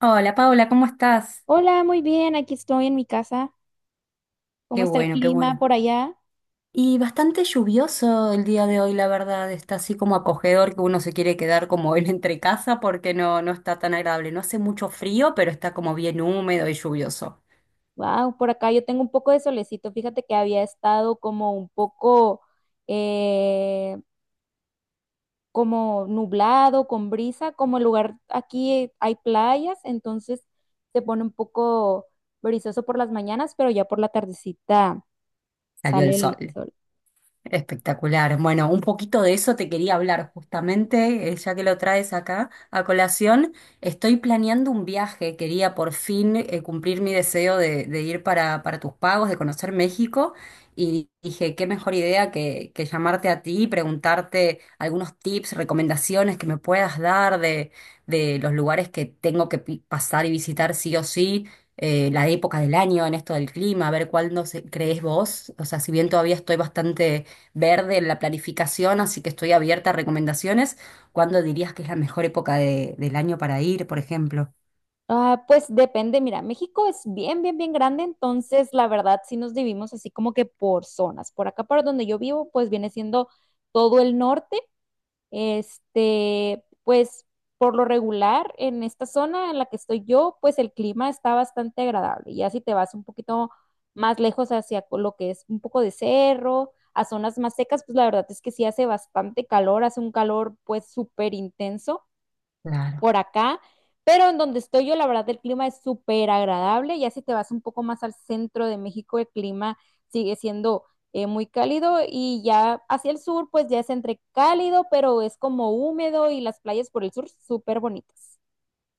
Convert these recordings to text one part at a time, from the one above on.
Hola Paula, ¿cómo estás? Hola, muy bien, aquí estoy en mi casa. ¿Cómo Qué está el bueno, qué clima bueno. por allá? Y bastante lluvioso el día de hoy, la verdad. Está así como acogedor que uno se quiere quedar como en entre casa porque no está tan agradable. No hace mucho frío, pero está como bien húmedo y lluvioso. Wow, por acá yo tengo un poco de solecito. Fíjate que había estado como un poco eh, como nublado, con brisa, como el lugar aquí hay playas, entonces se pone un poco brisoso por las mañanas, pero ya por la tardecita Salió sale el el sol. sol. Espectacular. Bueno, un poquito de eso te quería hablar justamente, ya que lo traes acá a colación. Estoy planeando un viaje, quería por fin cumplir mi deseo de ir para tus pagos, de conocer México, y dije, qué mejor idea que llamarte a ti y preguntarte algunos tips, recomendaciones que me puedas dar de los lugares que tengo que pasar y visitar sí o sí la época del año, en esto del clima, a ver crees vos. O sea, si bien todavía estoy bastante verde en la planificación, así que estoy abierta a recomendaciones. ¿Cuándo dirías que es la mejor época del año para ir, por ejemplo? Ah, pues depende, mira, México es bien, bien, bien grande, entonces la verdad sí nos dividimos así como que por zonas. Por acá, por donde yo vivo, pues viene siendo todo el norte. Este, pues por lo regular, en esta zona en la que estoy yo, pues el clima está bastante agradable. Ya si te vas un poquito más lejos hacia lo que es un poco de cerro, a zonas más secas, pues la verdad es que sí hace bastante calor, hace un calor pues súper intenso Claro. por acá, pero en donde estoy yo, la verdad, el clima es súper agradable. Ya si te vas un poco más al centro de México, el clima sigue siendo muy cálido y ya hacia el sur, pues ya es entre cálido, pero es como húmedo y las playas por el sur súper bonitas.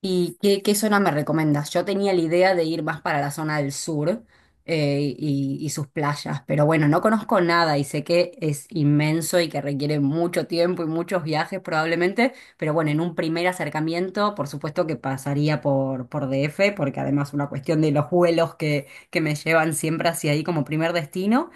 ¿Y qué zona me recomiendas? Yo tenía la idea de ir más para la zona del sur, y sus playas, pero bueno, no conozco nada y sé que es inmenso y que requiere mucho tiempo y muchos viajes probablemente, pero bueno, en un primer acercamiento, por supuesto que pasaría por DF, porque además una cuestión de los vuelos que me llevan siempre hacia ahí como primer destino.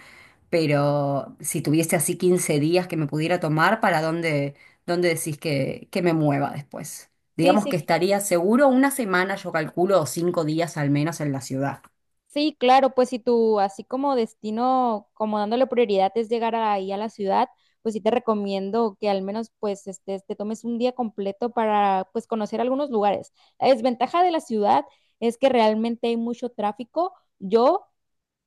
Pero si tuviese así 15 días que me pudiera tomar, ¿para dónde, dónde decís que me mueva después? Sí, Digamos que sí, estaría seguro una semana, yo calculo, o 5 días al menos en la ciudad. sí, claro, pues si tú así como destino, como dándole prioridad es llegar ahí a la ciudad, pues sí te recomiendo que al menos pues este, te tomes un día completo para pues conocer algunos lugares. La desventaja de la ciudad es que realmente hay mucho tráfico. Yo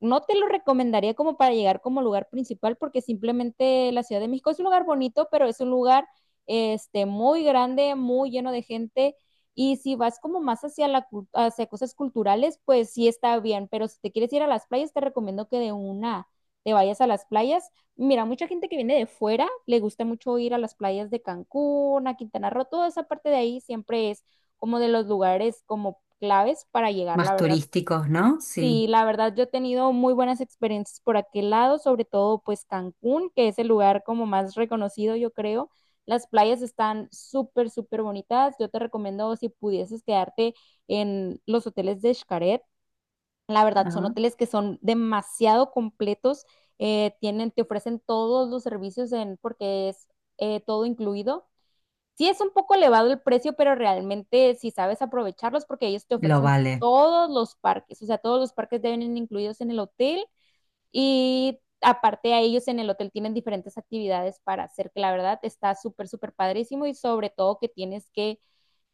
no te lo recomendaría como para llegar como lugar principal, porque simplemente la Ciudad de México es un lugar bonito, pero es un lugar este, muy grande, muy lleno de gente. Y si vas como más hacia, hacia cosas culturales, pues sí está bien, pero si te quieres ir a las playas, te recomiendo que de una te vayas a las playas. Mira, mucha gente que viene de fuera le gusta mucho ir a las playas de Cancún, a Quintana Roo, toda esa parte de ahí siempre es como de los lugares como claves para llegar, la Más verdad. turísticos, ¿no? Sí. Sí, la verdad yo he tenido muy buenas experiencias por aquel lado, sobre todo pues Cancún, que es el lugar como más reconocido, yo creo. Las playas están súper, súper bonitas. Yo te recomiendo si pudieses quedarte en los hoteles de Xcaret. La verdad son Ah, hoteles que son demasiado completos, tienen, te ofrecen todos los servicios en, porque es todo incluido. Sí es un poco elevado el precio, pero realmente si sabes aprovecharlos, porque ellos te lo ofrecen vale. todos los parques, o sea, todos los parques deben ir incluidos en el hotel y aparte a ellos en el hotel tienen diferentes actividades para hacer, que la verdad está súper, súper padrísimo y sobre todo que,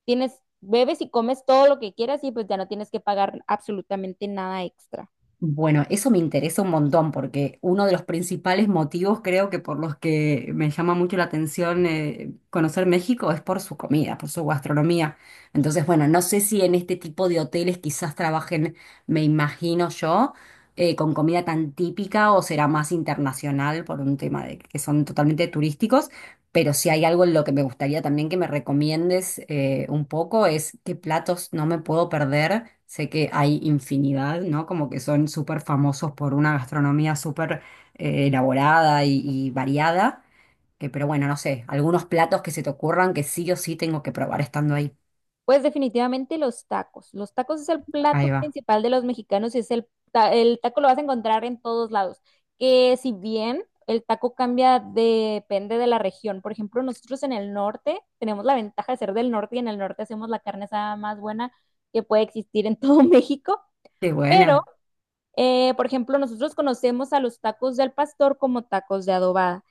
tienes, bebes y comes todo lo que quieras y pues ya no tienes que pagar absolutamente nada extra. Bueno, eso me interesa un montón porque uno de los principales motivos creo que por los que me llama mucho la atención, conocer México es por su comida, por su gastronomía. Entonces, bueno, no sé si en este tipo de hoteles quizás trabajen, me imagino yo, con comida tan típica o será más internacional por un tema de que son totalmente turísticos. Pero si hay algo en lo que me gustaría también que me recomiendes, un poco es qué platos no me puedo perder. Sé que hay infinidad, ¿no? Como que son súper famosos por una gastronomía súper elaborada y variada. Pero bueno, no sé, algunos platos que se te ocurran que sí o sí tengo que probar estando ahí. Pues definitivamente los tacos. Los tacos es el Ahí plato va. principal de los mexicanos y es el, el taco lo vas a encontrar en todos lados. Que si bien el taco cambia depende de la región. Por ejemplo, nosotros en el norte tenemos la ventaja de ser del norte y en el norte hacemos la carne asada más buena que puede existir en todo México, Qué pero buena, por ejemplo, nosotros conocemos a los tacos del pastor como tacos de adobada.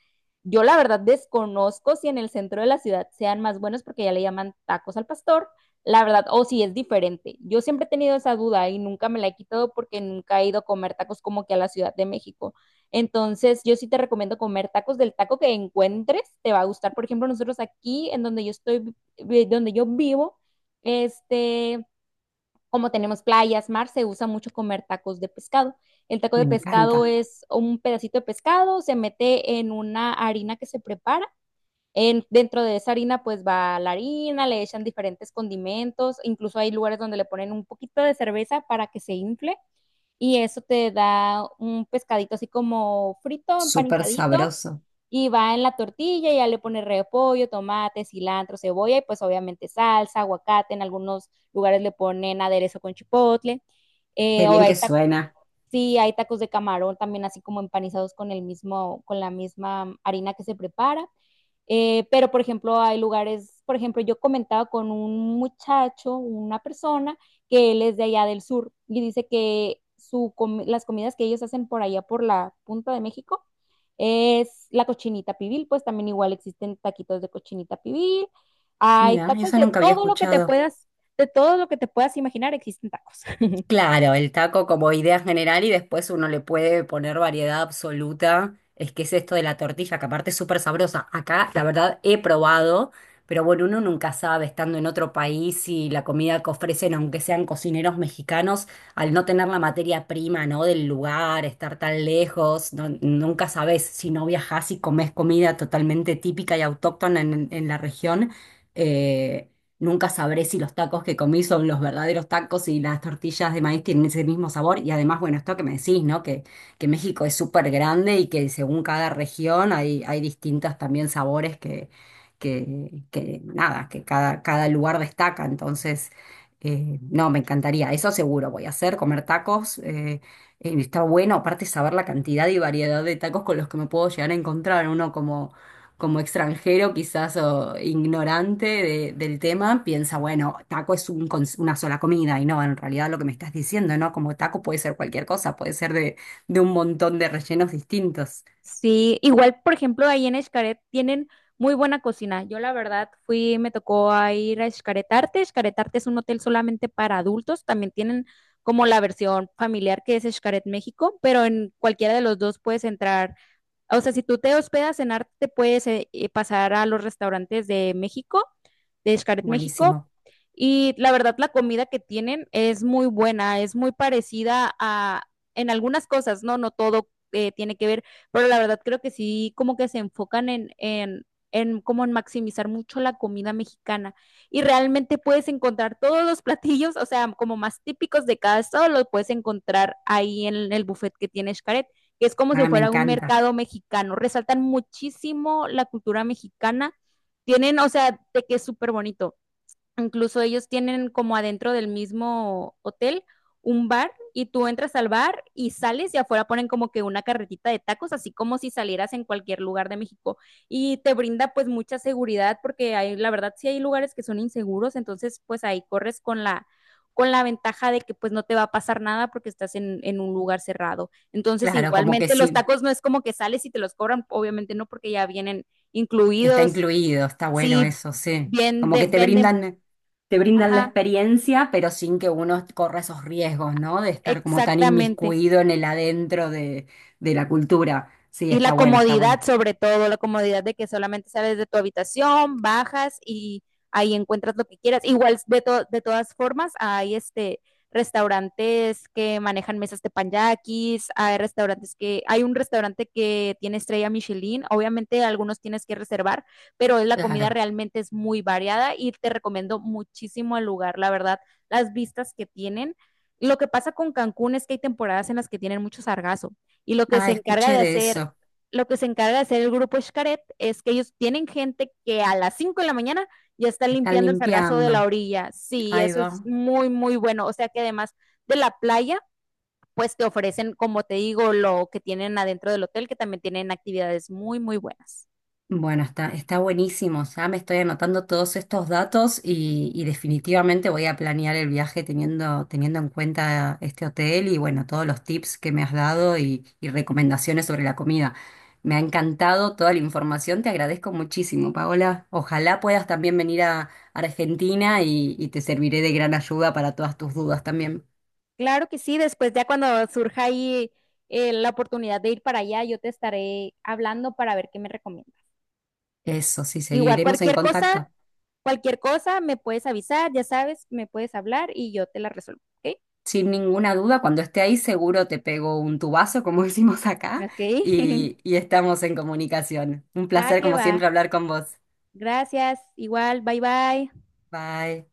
Yo la verdad desconozco si en el centro de la ciudad sean más buenos porque ya le llaman tacos al pastor, la verdad, o si es diferente. Yo siempre he tenido esa duda y nunca me la he quitado porque nunca he ido a comer tacos como que a la Ciudad de México. Entonces, yo sí te recomiendo comer tacos del taco que encuentres, te va a gustar. Por ejemplo, nosotros aquí en donde yo estoy, donde yo vivo, este, como tenemos playas, mar, se usa mucho comer tacos de pescado. El taco me de pescado encanta. es un pedacito de pescado, se mete en una harina que se prepara. En, dentro de esa harina pues va la harina, le echan diferentes condimentos, incluso hay lugares donde le ponen un poquito de cerveza para que se infle y eso te da un pescadito así como frito, Súper empanizadito sabroso. y va en la tortilla, ya le pone repollo, tomate, cilantro, cebolla y pues obviamente salsa, aguacate, en algunos lugares le ponen aderezo con chipotle, Qué o bien hay que tacos, suena. sí, hay tacos de camarón también así como empanizados con el mismo, con la misma harina que se prepara, pero, por ejemplo, hay lugares, por ejemplo, yo comentaba con un muchacho, una persona, que él es de allá del sur y dice que las comidas que ellos hacen por allá, por la punta de México, es la cochinita pibil, pues también igual existen taquitos de cochinita pibil, hay Mira, tacos eso de nunca había todo lo que te escuchado. puedas, de todo lo que te puedas imaginar, existen tacos. Claro, el taco como idea general y después uno le puede poner variedad absoluta. Es que es esto de la tortilla, que aparte es súper sabrosa. Acá, la verdad, he probado, pero bueno, uno nunca sabe estando en otro país y la comida que ofrecen, aunque sean cocineros mexicanos, al no tener la materia prima, ¿no? Del lugar, estar tan lejos, nunca sabes si no viajás y comes comida totalmente típica y autóctona en la región. eh, Nunca sabré si los tacos que comí son los verdaderos tacos y las tortillas de maíz tienen ese mismo sabor. Y además, bueno, esto que me decís, ¿no? Que México es súper grande y que según cada región hay, hay distintos también sabores que nada, que cada, cada lugar destaca. Entonces, no, me encantaría. Eso seguro voy a hacer, comer tacos. Está bueno, aparte saber la cantidad y variedad de tacos con los que me puedo llegar a encontrar. Uno como extranjero quizás o ignorante del tema, piensa, bueno, taco es un una sola comida y no, en realidad lo que me estás diciendo, ¿no? Como taco puede ser cualquier cosa, puede ser de un montón de rellenos distintos. Sí, igual, por ejemplo, ahí en Xcaret tienen muy buena cocina. Yo la verdad fui, me tocó a ir a Xcaret Arte. Xcaret Arte es un hotel solamente para adultos. También tienen como la versión familiar que es Xcaret México, pero en cualquiera de los dos puedes entrar o sea, si tú te hospedas en Arte, te puedes pasar a los restaurantes de México, de Xcaret México, Buenísimo. y la verdad, la comida que tienen es muy buena, es muy parecida a, en algunas cosas, ¿no? No todo tiene que ver, pero la verdad creo que sí, como que se enfocan en como en maximizar mucho la comida mexicana. Y realmente puedes encontrar todos los platillos, o sea, como más típicos de cada estado, los puedes encontrar ahí en el buffet que tiene Xcaret que es como si Ah, me fuera un encanta. mercado mexicano. Resaltan muchísimo la cultura mexicana. Tienen, o sea, de que es súper bonito. Incluso ellos tienen como adentro del mismo hotel un bar y tú entras al bar y sales y afuera ponen como que una carretita de tacos, así como si salieras en cualquier lugar de México. Y te brinda pues mucha seguridad porque hay, la verdad sí hay lugares que son inseguros, entonces pues ahí corres con la ventaja de que pues no te va a pasar nada porque estás en un lugar cerrado. Entonces Claro, como que igualmente los sí, tacos no es como que sales y te los cobran, obviamente no porque ya vienen está incluidos, incluido, está bueno sí, eso, sí. bien Como de, que venden, te brindan la ajá. experiencia, pero sin que uno corra esos riesgos, ¿no? De estar como tan Exactamente. inmiscuido en el adentro de la cultura. Sí, Y está la bueno, está comodidad, bueno. sobre todo, la comodidad de que solamente sales de tu habitación, bajas y ahí encuentras lo que quieras. Igual, de todas formas, hay este restaurantes que manejan mesas de teppanyakis, hay un restaurante que tiene estrella Michelin, obviamente algunos tienes que reservar, pero la comida Claro. realmente es muy variada y te recomiendo muchísimo el lugar, la verdad, las vistas que tienen. Lo que pasa con Cancún es que hay temporadas en las que tienen mucho sargazo y Ah, escuché de eso. lo que se encarga de hacer el grupo Xcaret es que ellos tienen gente que a las 5 de la mañana ya está Están limpiando el sargazo de la limpiando. orilla. Sí, Ahí eso es va. muy, muy bueno. O sea que además de la playa, pues te ofrecen, como te digo, lo que tienen adentro del hotel, que también tienen actividades muy, muy buenas. Bueno, está, está buenísimo. Ya me estoy anotando todos estos datos y definitivamente voy a planear el viaje teniendo, teniendo en cuenta este hotel y bueno, todos los tips que me has dado y recomendaciones sobre la comida. Me ha encantado toda la información, te agradezco muchísimo, Paola. Ojalá puedas también venir a Argentina y te serviré de gran ayuda para todas tus dudas también. Claro que sí, después ya cuando surja ahí la oportunidad de ir para allá, yo te estaré hablando para ver qué me recomiendas. Eso, sí, Igual seguiremos en contacto. cualquier cosa me puedes avisar, ya sabes, me puedes hablar y yo te la resuelvo, ¿ok? Sin ninguna duda, cuando esté ahí seguro te pego un tubazo, como decimos acá, Ok. y, y estamos en comunicación. Un Va placer, que como va. siempre, hablar con vos. Gracias. Igual. Bye bye. Bye.